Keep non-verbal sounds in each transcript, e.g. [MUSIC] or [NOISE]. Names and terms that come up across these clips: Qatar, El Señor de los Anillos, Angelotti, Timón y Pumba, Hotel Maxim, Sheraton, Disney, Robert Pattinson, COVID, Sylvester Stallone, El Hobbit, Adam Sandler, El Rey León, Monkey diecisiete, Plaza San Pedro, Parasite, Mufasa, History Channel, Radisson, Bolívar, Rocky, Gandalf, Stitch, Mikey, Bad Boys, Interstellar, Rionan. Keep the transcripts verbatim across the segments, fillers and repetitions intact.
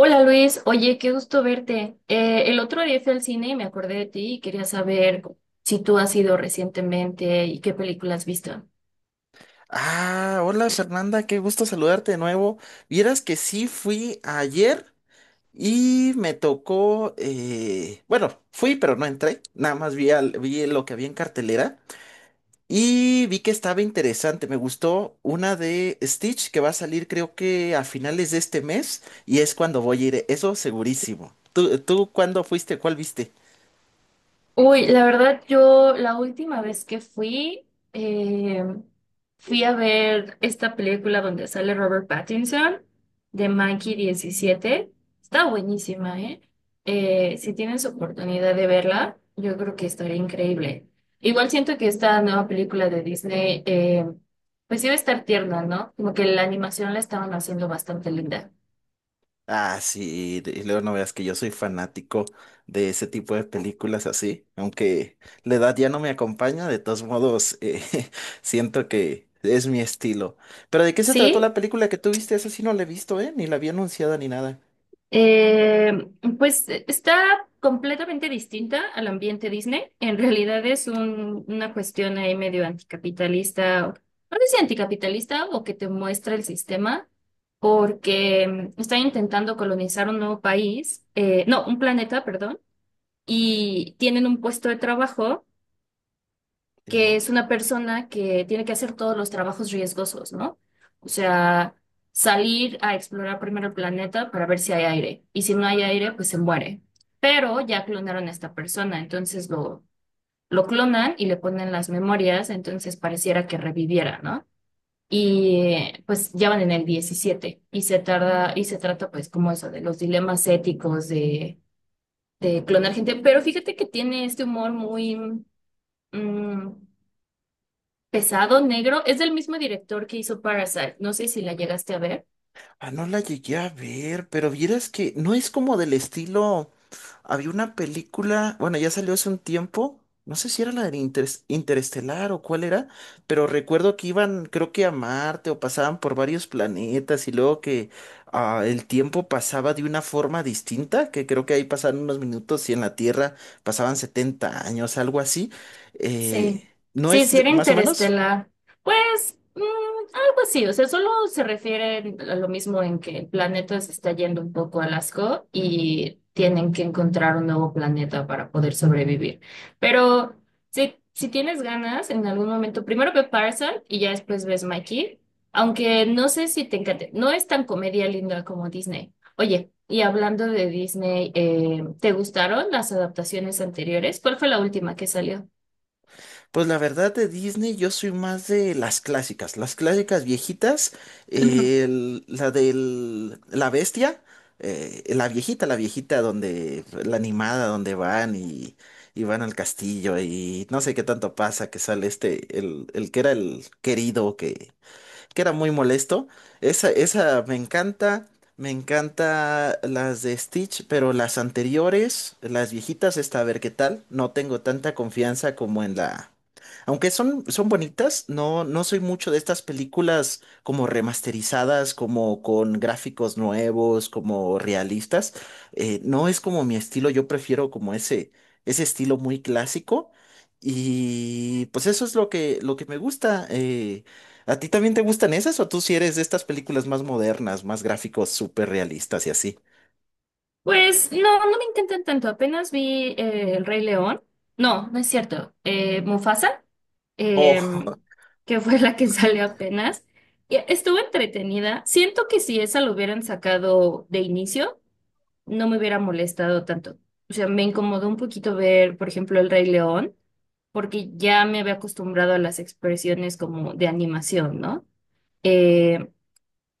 Hola Luis, oye, qué gusto verte. Eh, el otro día fui al cine y me acordé de ti y quería saber si tú has ido recientemente y qué película has visto. Ah, hola Fernanda, qué gusto saludarte de nuevo. Vieras que sí fui ayer y me tocó, eh, bueno, fui pero no entré, nada más vi, al- vi lo que había en cartelera y vi que estaba interesante, me gustó una de Stitch que va a salir creo que a finales de este mes y es cuando voy a ir, eso segurísimo. ¿Tú, tú cuándo fuiste? ¿Cuál viste? Uy, la verdad, yo la última vez que fui, eh, fui a ver esta película donde sale Robert Pattinson de Monkey diecisiete. Está buenísima, ¿eh? Eh, si tienes oportunidad de verla, yo creo que estaría increíble. Igual siento que esta nueva película de Disney, eh, pues iba a estar tierna, ¿no? Como que la animación la estaban haciendo bastante linda. Ah, sí, y luego no veas que yo soy fanático de ese tipo de películas así, aunque la edad ya no me acompaña, de todos modos, eh, [LAUGHS] siento que es mi estilo. Pero ¿de qué se trató ¿Sí? la película que tú viste? Esa sí no la he visto, ¿eh? Ni la había anunciada ni nada. Eh, pues eh, está completamente distinta al ambiente Disney. En realidad es un- una cuestión ahí medio anticapitalista, o- no sé si anticapitalista o que te muestra el sistema, porque mm, están intentando colonizar un nuevo país, eh, no, un planeta, perdón, y tienen un puesto de trabajo que es una persona que tiene que hacer todos los trabajos riesgosos, ¿no? O sea, salir a explorar primero el planeta para ver si hay aire. Y si no hay aire, pues se muere. Pero ya clonaron a esta persona, entonces lo, lo clonan y le ponen las memorias, entonces pareciera que reviviera, ¿no? Y eh, pues ya van en el diecisiete y se tarda, y se trata pues como eso, de los dilemas éticos de, de clonar gente. Pero fíjate que tiene este humor muy mm, pesado, negro, es del mismo director que hizo Parasite. No sé si la llegaste a ver. Ah, no la llegué a ver, pero vieras que no es como del estilo. Había una película, bueno, ya salió hace un tiempo, no sé si era la de Interes- Interestelar o cuál era, pero recuerdo que iban, creo que a Marte o pasaban por varios planetas y luego que ah, el tiempo pasaba de una forma distinta, que creo que ahí pasaban unos minutos y en la Tierra pasaban setenta años, algo así. Sí, Eh, ¿no sí, es sí de- era más o menos? interestelar. Pues mm, algo así, o sea, solo se refiere a lo mismo en que el planeta se está yendo un poco a asco y tienen que encontrar un nuevo planeta para poder sobrevivir. Pero si, si tienes ganas, en algún momento, primero ve Parasite y ya después ves Mikey, aunque no sé si te encante, no es tan comedia linda como Disney. Oye, y hablando de Disney, eh, ¿te gustaron las adaptaciones anteriores? ¿Cuál fue la última que salió? Pues la verdad de Disney yo soy más de las clásicas, las clásicas viejitas, eh, el- la del la bestia, eh, la viejita, la viejita donde la animada donde van y, y van al castillo y no sé qué tanto pasa que sale este el, el que era el querido que que era muy molesto. Esa, esa me encanta. Me encanta las de Stitch, pero las anteriores, las viejitas, esta, a ver qué tal. No tengo tanta confianza como en la... Aunque son, son bonitas, no, no soy mucho de estas películas como remasterizadas, como con gráficos nuevos, como realistas. Eh, no es como mi estilo, yo prefiero como ese, ese estilo muy clásico. Y pues eso es lo que, lo que me gusta. eh, ¿A ti también te gustan esas o tú si eres de estas películas más modernas, más gráficos, súper realistas y así? Pues no, no me intentan tanto. Apenas vi eh, El Rey León. No, no es cierto. Eh, Mufasa, Oh, [LAUGHS] em, que fue la que [LAUGHS] salió apenas. Y estuvo entretenida. Siento que si esa lo hubieran sacado de inicio, no me hubiera molestado tanto. O sea, me incomodó un poquito ver, por ejemplo, El Rey León, porque ya me había acostumbrado a las expresiones como de animación, ¿no? Eh,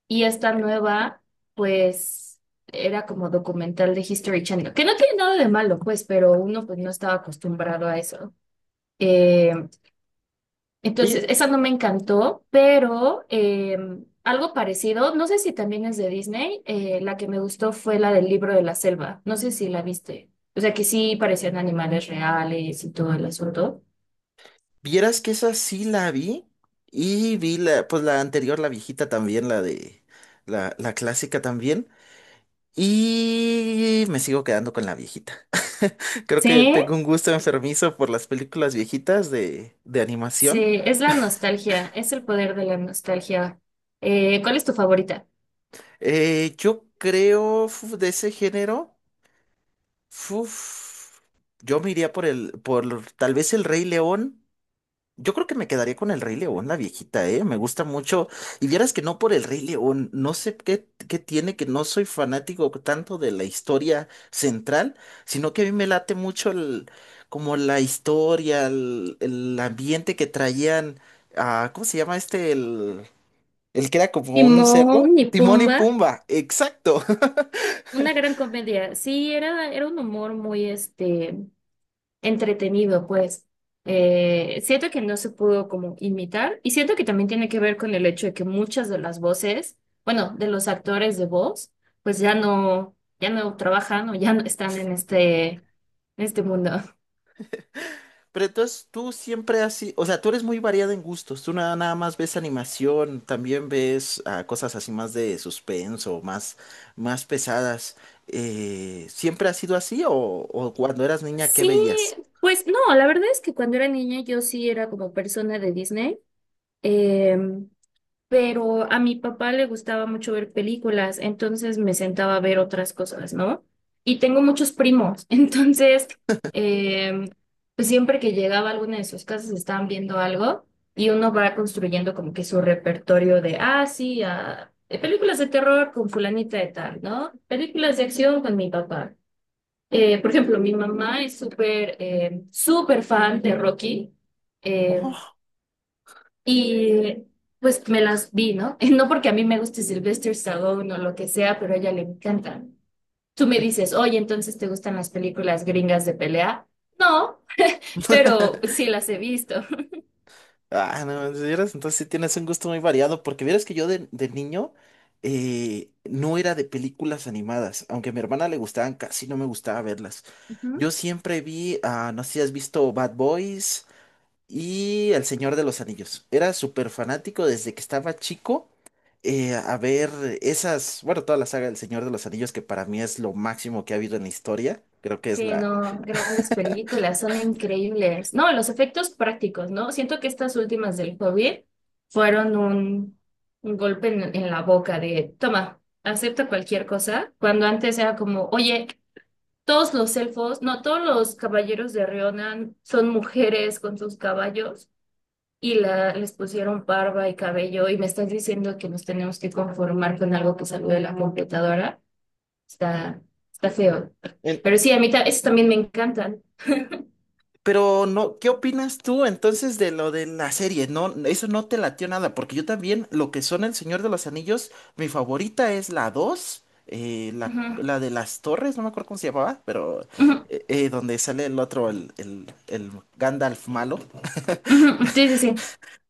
y esta nueva, pues, era como documental de History Channel, que no tiene nada de malo, pues, pero uno pues no estaba acostumbrado a eso. Eh, oye, entonces, esa no me encantó, pero eh, algo parecido, no sé si también es de Disney, eh, la que me gustó fue la del libro de la selva, no sé si la viste. O sea, que sí parecían animales reales y todo el asunto. vieras que esa sí la vi y vi la, pues la anterior, la viejita también, la de, la, la clásica también y me sigo quedando con la viejita. [LAUGHS] Creo que Sí, tengo un gusto enfermizo por las películas viejitas de, de sí, animación. es la nostalgia, es el poder de la nostalgia. Eh, ¿cuál es tu favorita? Eh, yo creo fu- de ese género, fuf, yo me iría por el, por tal vez el Rey León. Yo creo que me quedaría con el Rey León, la viejita, ¿eh? Me gusta mucho. Y vieras que no por el Rey León, no sé qué, qué tiene, que no soy fanático tanto de la historia central, sino que a mí me late mucho el, como la historia, el, el ambiente que traían, ah, ¿cómo se llama este? El, el que era como un Timón cerdo. y Timón y Pumba, Pumba, exacto. [LAUGHS] una gran comedia. Sí, era, era un humor muy este, entretenido, pues. Eh, siento que no se pudo como imitar y siento que también tiene que ver con el hecho de que muchas de las voces, bueno, de los actores de voz, pues ya no, ya no trabajan o ya no están en este, en este mundo. Pero entonces tú siempre así, o sea, tú eres muy variado en gustos, tú nada, nada más ves animación, también ves ah, cosas así más de suspenso, más, más pesadas. Eh, ¿siempre ha sido así o, o cuando eras niña, qué Sí, veías? pues no, la verdad es que cuando era niña yo sí era como persona de Disney. Em, pero a mi papá le gustaba mucho ver películas, entonces me sentaba a ver otras cosas, ¿no? Y tengo muchos primos, [LAUGHS] entonces, eh, pues siempre que llegaba a alguna de sus casas estaban viendo algo y uno va construyendo como que su repertorio de, ah, sí, ah, eh, películas de terror con fulanita de tal, ¿no? Películas de acción con mi papá. Eh, por ejemplo, mi mamá es súper, eh, súper fan de Rocky. Eh, Oh, [LAUGHS] y pues me las vi, ¿no? [LAUGHS] No porque a mí me guste Sylvester Stallone o lo que sea, pero a ella le encanta. Tú me En- dices, oye, entonces ¿te gustan las películas gringas de pelea? No, pero sí las he visto. ah, no, si eres- entonces sí tienes un gusto muy variado, porque vieras que yo de, de niño eh, no era de películas animadas, aunque a mi hermana le gustaban, casi no me gustaba verlas. [LAUGHS] Ujú. Yo siempre vi, ah, no sé si has visto Bad Boys. Y El Señor de los Anillos. Era súper fanático desde que estaba chico eh, a ver esas, bueno, toda la saga del Señor de los Anillos, que para mí es lo máximo que ha habido en la historia. Creo que es Sí, la... no, grandes películas, son increíbles. No, los efectos prácticos, ¿no? Siento que estas últimas del COVID fueron un, un golpe en, en la boca de, toma, acepta cualquier cosa, cuando antes era como, oye, todos los elfos, no, todos los caballeros de Rionan son mujeres con sus caballos y la, les pusieron barba y cabello y me estás diciendo que nos tenemos que conformar con algo que salió de la computadora. Está, Está feo. en- Pero sí, a mí ta- esos también me encantan. Pero no, ¿qué opinas tú entonces de lo de la serie? No, eso no te latió nada, porque yo también, lo que son El Señor de los Anillos, mi favorita es la dos eh, la, Ujú, la de las torres, no me acuerdo cómo se llamaba, pero ujú, eh, eh, donde sale el otro, el, el, el Gandalf malo. ujú, sí, sí, sí.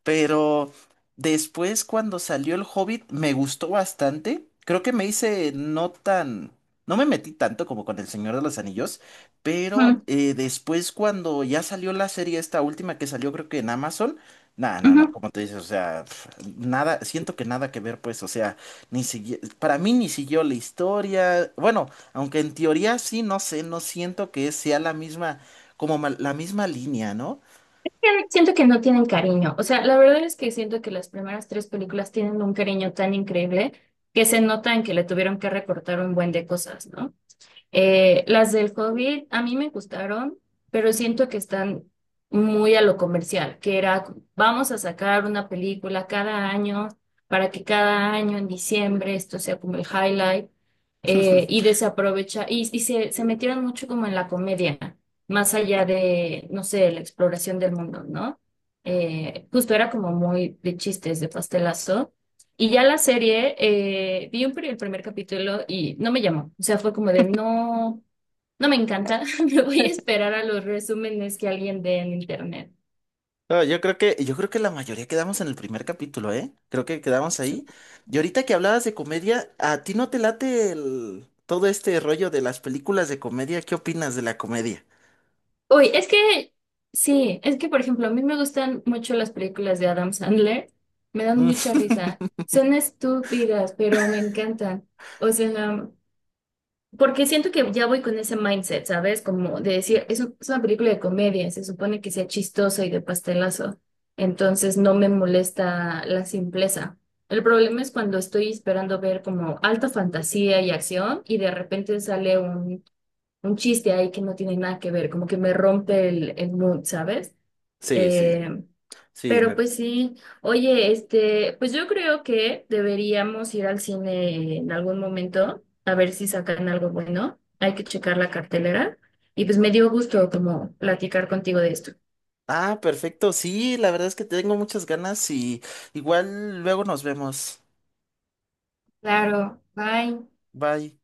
Pero después, cuando salió El Hobbit, me gustó bastante. Creo que me hice no tan. No me metí tanto como con El Señor de los Anillos. Pero Ujú, eh, después, cuando ya salió la serie, esta última que salió, creo que en Amazon. No, no, no, ujú. como te dices, o sea, pf, nada, siento que nada que ver, pues, o sea, ni sigui- para mí ni siguió la historia, bueno, aunque en teoría sí, no sé, no siento que sea la misma, como ma- la misma línea, ¿no? Siento que no tienen cariño. O sea, la verdad es que siento que las primeras tres películas tienen un cariño tan increíble que se notan que le tuvieron que recortar un buen de cosas, ¿no? Eh, las del COVID a mí me gustaron, pero siento que están muy a lo comercial, que era, vamos a sacar una película cada año para que cada año en diciembre esto sea como el highlight. [LAUGHS] Eh, y desaprovecha, y, y se, se metieron mucho como en la comedia, más allá de, no sé, la exploración del mundo, ¿no? Eh, justo era como muy de chistes, de pastelazo. Y ya la serie, eh, vi un, pri- el primer capítulo y no me llamó. O sea, fue como de no, no me encanta, [LAUGHS] me voy a esperar a los resúmenes que alguien dé en internet. No, yo creo que, yo creo que la mayoría quedamos en el primer capítulo, ¿eh? Creo que quedamos ahí. Y ahorita que hablabas de comedia, ¿a ti no te late el- todo este rollo de las películas de comedia? ¿Qué opinas de la comedia? Uy, es que, sí, es que, por ejemplo, a mí me gustan mucho las películas de Adam Sandler, me dan Mm, mucha risa. [LAUGHS] Son estúpidas, pero me encantan. O sea, porque siento que ya voy con ese mindset, ¿sabes? Como de decir, es, un- es una película de comedia, se supone que sea chistosa y de pastelazo, entonces no me molesta la simpleza. El problema es cuando estoy esperando ver como alta fantasía y acción y de repente sale un, un chiste ahí que no tiene nada que ver, como que me rompe el, el mood, ¿sabes? Sí, sí, Eh, sí, pero me... pues sí, oye, este, pues yo creo que deberíamos ir al cine en algún momento a ver si sacan algo bueno. Hay que checar la cartelera. Y pues me dio gusto como platicar contigo de esto. Ah, perfecto, sí, la verdad es que tengo muchas ganas y igual luego nos vemos. Claro, bye. Bye.